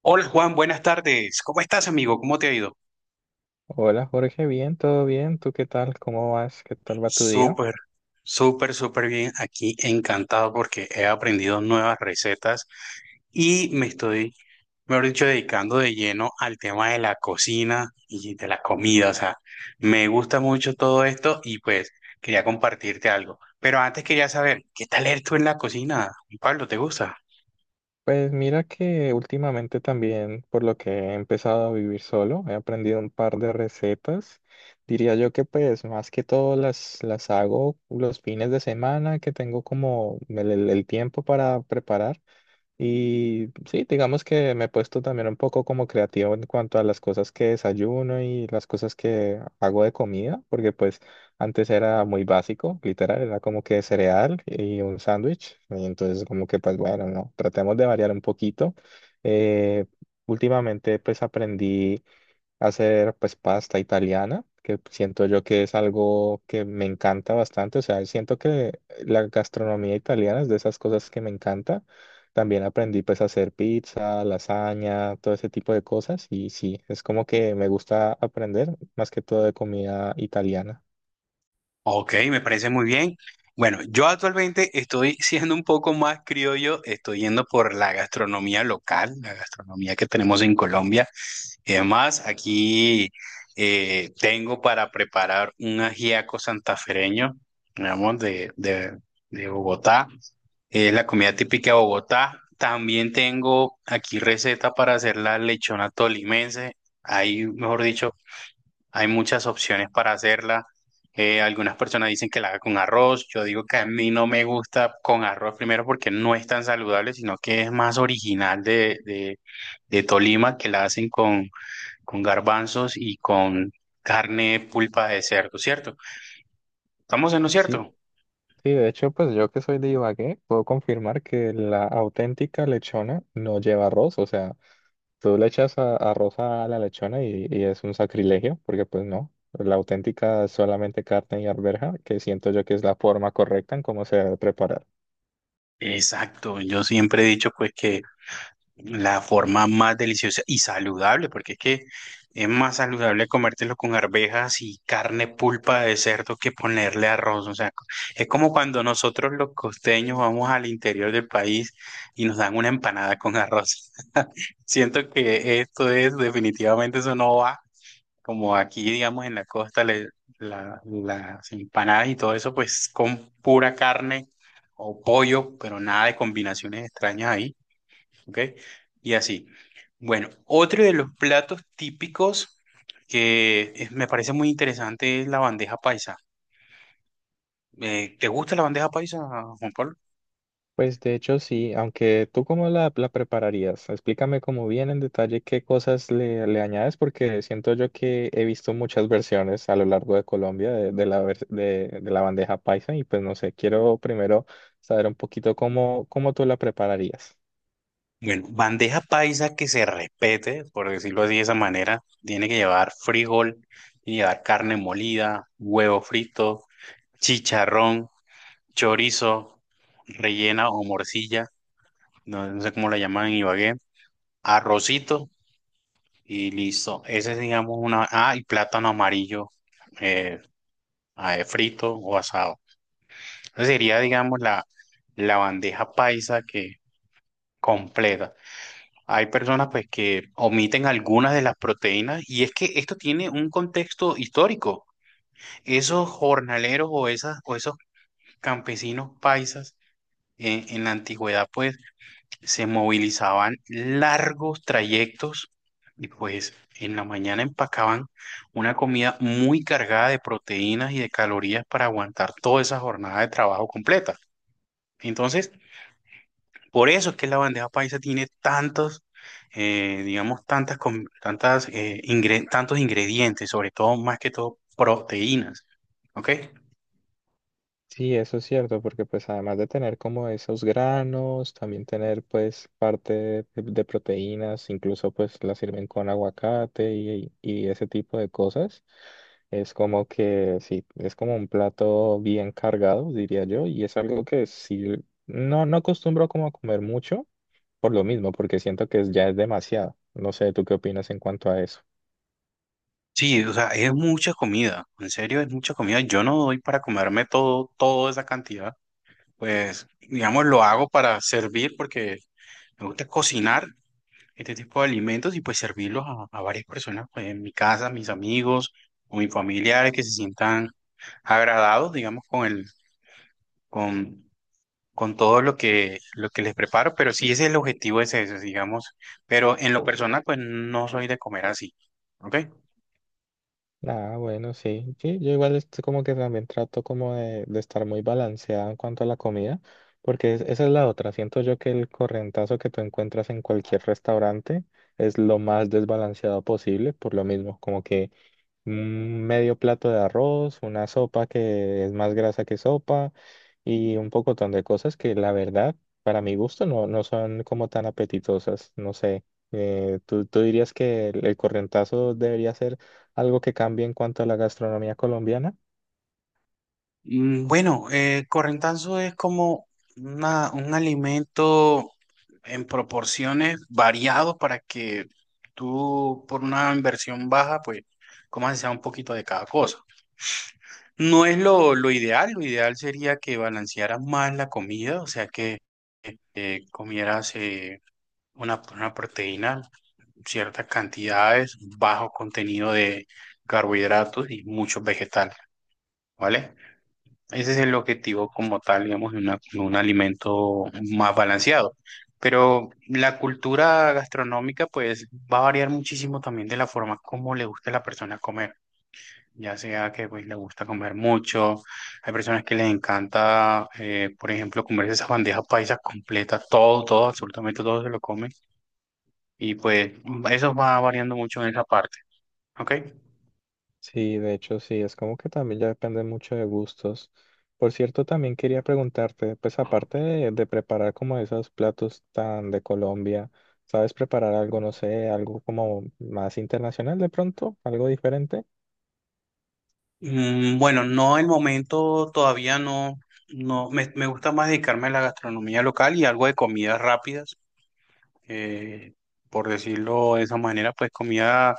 Hola Juan, buenas tardes. ¿Cómo estás, amigo? ¿Cómo te ha ido? Hola Jorge, bien, todo bien, ¿tú qué tal? ¿Cómo vas? ¿Qué tal va tu día? Súper, súper, súper bien. Aquí encantado porque he aprendido nuevas recetas y mejor dicho, dedicando de lleno al tema de la cocina y de la comida. O sea, me gusta mucho todo esto y pues quería compartirte algo. Pero antes quería saber, ¿qué tal eres tú en la cocina? Pablo, ¿te gusta? Pues mira que últimamente también, por lo que he empezado a vivir solo, he aprendido un par de recetas. Diría yo que pues más que todo las hago los fines de semana que tengo como el tiempo para preparar. Y sí, digamos que me he puesto también un poco como creativo en cuanto a las cosas que desayuno y las cosas que hago de comida, porque pues antes era muy básico, literal, era como que cereal y un sándwich, y entonces como que pues bueno, no, tratemos de variar un poquito. Eh, Últimamente pues aprendí hacer pues pasta italiana, que siento yo que es algo que me encanta bastante, o sea, siento que la gastronomía italiana es de esas cosas que me encanta. También aprendí pues a hacer pizza, lasaña, todo ese tipo de cosas y sí, es como que me gusta aprender más que todo de comida italiana. Ok, me parece muy bien. Bueno, yo actualmente estoy siendo un poco más criollo, estoy yendo por la gastronomía local, la gastronomía que tenemos en Colombia. Y además, aquí tengo para preparar un ajiaco santafereño, digamos, de Bogotá. Es la comida típica de Bogotá. También tengo aquí receta para hacer la lechona tolimense. Ahí, mejor dicho, hay muchas opciones para hacerla. Algunas personas dicen que la haga con arroz. Yo digo que a mí no me gusta con arroz primero porque no es tan saludable, sino que es más original de Tolima, que la hacen con garbanzos y con carne pulpa de cerdo, ¿cierto? ¿Estamos en lo cierto? Sí, sí, de hecho pues yo que soy de Ibagué puedo confirmar que la auténtica lechona no lleva arroz, o sea, tú le echas arroz a la lechona y es un sacrilegio, porque pues no, la auténtica es solamente carne y arveja, que siento yo que es la forma correcta en cómo se debe preparar. Exacto. Yo siempre he dicho pues que la forma más deliciosa y saludable, porque es que es más saludable comértelo con arvejas y carne pulpa de cerdo que ponerle arroz. O sea, es como cuando nosotros los costeños vamos al interior del país y nos dan una empanada con arroz. Siento que esto es, definitivamente eso no va. Como aquí, digamos, en la costa, las empanadas y todo eso, pues con pura carne o pollo, pero nada de combinaciones extrañas ahí. ¿Ok? Y así. Bueno, otro de los platos típicos me parece muy interesante es la bandeja paisa. ¿Te gusta la bandeja paisa, Juan Pablo? Pues de hecho sí, aunque tú cómo la prepararías, explícame como bien en detalle qué cosas le añades, porque siento yo que he visto muchas versiones a lo largo de Colombia de la bandeja paisa y pues no sé, quiero primero saber un poquito cómo tú la prepararías. Bueno, bandeja paisa que se respete, por decirlo así de esa manera, tiene que llevar frijol, tiene que llevar carne molida, huevo frito, chicharrón, chorizo, rellena o morcilla, no, no sé cómo la llaman en Ibagué, arrocito. Y listo. Ese es, digamos, una. Ah, y plátano amarillo eh, frito o asado. Esa sería, digamos, la bandeja paisa que completa. Hay personas pues que omiten algunas de las proteínas y es que esto tiene un contexto histórico. Esos jornaleros o esas o esos campesinos paisas en la antigüedad pues se movilizaban largos trayectos y pues en la mañana empacaban una comida muy cargada de proteínas y de calorías para aguantar toda esa jornada de trabajo completa. Entonces, por eso es que la bandeja paisa tiene tantos, digamos, tantas, com- tantas, ingre- tantos ingredientes, sobre todo, más que todo, proteínas. ¿Ok? Sí, eso es cierto, porque pues además de tener como esos granos, también tener pues parte de proteínas, incluso pues la sirven con aguacate y ese tipo de cosas, es como que sí, es como un plato bien cargado, diría yo, y es algo que sí, no, no acostumbro como a comer mucho por lo mismo, porque siento que es- ya es demasiado. No sé, ¿tú qué opinas en cuanto a eso? Sí, o sea, es mucha comida. En serio, es mucha comida. Yo no doy para comerme todo, toda esa cantidad. Pues, digamos, lo hago para servir porque me gusta cocinar este tipo de alimentos y pues servirlos a varias personas, pues en mi casa, mis amigos o mis familiares que se sientan agradados, digamos, con, con todo lo lo que les preparo, pero sí ese es el objetivo, es ese, digamos, pero en lo personal, pues no soy de comer así, ¿ok? Ah, bueno, sí. Sí, yo igual estoy como que también trato como de estar muy balanceado en cuanto a la comida, porque es- esa es la otra. Siento yo que el correntazo que tú encuentras en cualquier restaurante es lo más desbalanceado posible, por lo mismo, como que un medio plato de arroz, una sopa que es más grasa que sopa y un pocotón de cosas que la verdad, para mi gusto, no, no son como tan apetitosas. No sé, tú dirías que el corrientazo debería ser algo que cambie en cuanto a la gastronomía colombiana? Bueno, correntanzo es como un alimento en proporciones variados para que tú, por una inversión baja, pues comas sea un poquito de cada cosa. No es lo ideal sería que balancearas más la comida, o sea que comieras una proteína, ciertas cantidades, bajo contenido de carbohidratos y muchos vegetales, ¿vale? Ese es el objetivo como tal, digamos, de un alimento más balanceado. Pero la cultura gastronómica, pues, va a variar muchísimo también de la forma como le guste a la persona comer. Ya sea que, pues, le gusta comer mucho. Hay personas que les encanta, por ejemplo, comerse esas bandejas paisas completas. Todo, todo, absolutamente todo se lo comen. Y, pues, eso va variando mucho en esa parte. ¿Ok? Sí, de hecho sí, es como que también ya depende mucho de gustos. Por cierto, también quería preguntarte, pues aparte de preparar como esos platos tan de Colombia, ¿sabes preparar algo, no sé, algo como más internacional de pronto, algo diferente? Bueno, no el momento todavía no, me gusta más dedicarme a la gastronomía local y algo de comidas rápidas, eh, por decirlo de esa manera, pues comida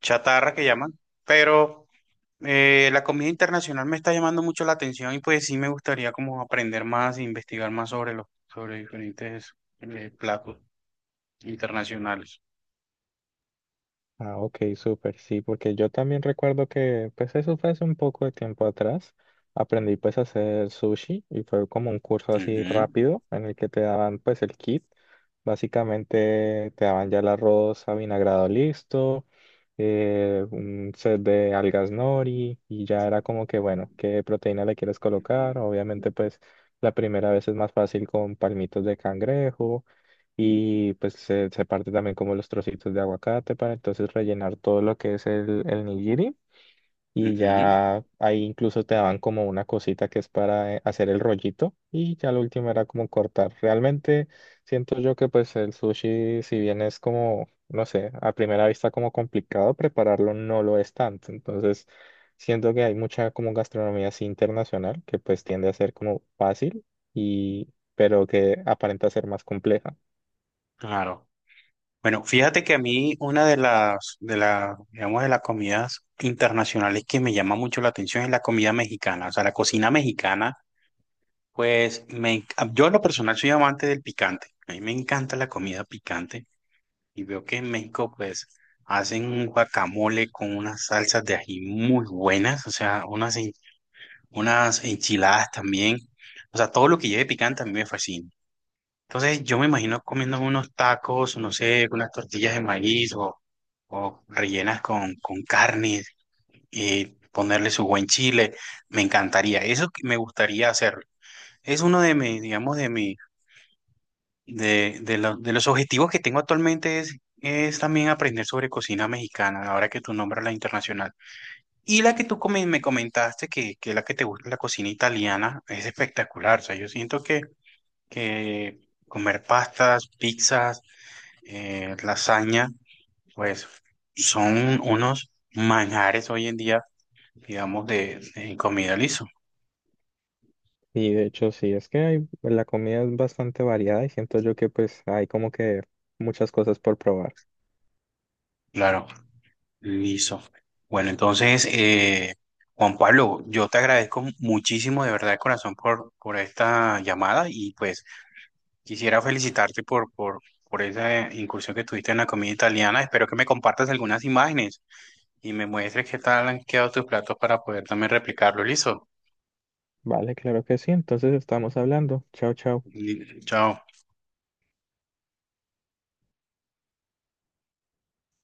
chatarra que llaman, pero la comida internacional me está llamando mucho la atención y pues sí me gustaría como aprender más e investigar más sobre sobre diferentes platos internacionales. Ah, ok, súper, sí, porque yo también recuerdo que, pues eso fue hace un poco de tiempo atrás, aprendí pues a hacer sushi y fue como un curso así Ujú, rápido en el que te daban pues el kit, básicamente te daban ya el arroz avinagrado listo, un set de algas nori y ya era como que, bueno, qué proteína le quieres colocar, obviamente pues la primera vez es más fácil con palmitos de cangrejo y pues se parte también como los trocitos de aguacate para entonces rellenar todo lo que es el nigiri y ujú, ya ahí incluso te daban como una cosita que es para hacer el rollito y ya lo último era como cortar. Realmente siento yo que pues el sushi si bien es como, no sé, a primera vista como complicado prepararlo no lo es tanto, entonces siento que hay mucha como gastronomía así internacional que pues tiende a ser como fácil y pero que aparenta ser más compleja. claro. Bueno, fíjate que a mí una de digamos, de las comidas internacionales que me llama mucho la atención es la comida mexicana. O sea, la cocina mexicana, pues yo en lo personal soy amante del picante. A mí me encanta la comida picante y veo que en México, pues, hacen un guacamole con unas salsas de ají muy buenas, o sea, unas enchiladas también. O sea, todo lo que lleve picante a mí me fascina. Entonces yo me imagino comiendo unos tacos, no sé, unas tortillas de maíz o rellenas con carne y ponerle su buen chile. Me encantaría, eso que me gustaría hacer. Es uno de mis, digamos, de mi, de, lo- de los objetivos que tengo actualmente es también aprender sobre cocina mexicana, ahora que tú nombras la internacional. Y la que me comentaste, que es la que te gusta, la cocina italiana, es espectacular. O sea, yo siento que comer pastas, pizzas. Lasaña, pues son unos manjares hoy en día, digamos, de comida liso. Y de hecho sí, es que hay- la comida es bastante variada y siento yo que pues hay como que muchas cosas por probar. Claro, liso. Bueno, entonces, Juan Pablo, yo te agradezco muchísimo de verdad de corazón por esta llamada y pues quisiera felicitarte por esa incursión que tuviste en la comida italiana. Espero que me compartas algunas imágenes y me muestres qué tal han quedado tus platos para poder también replicarlo. Listo. Vale, claro que sí, entonces estamos hablando. Chao, chao. Chao.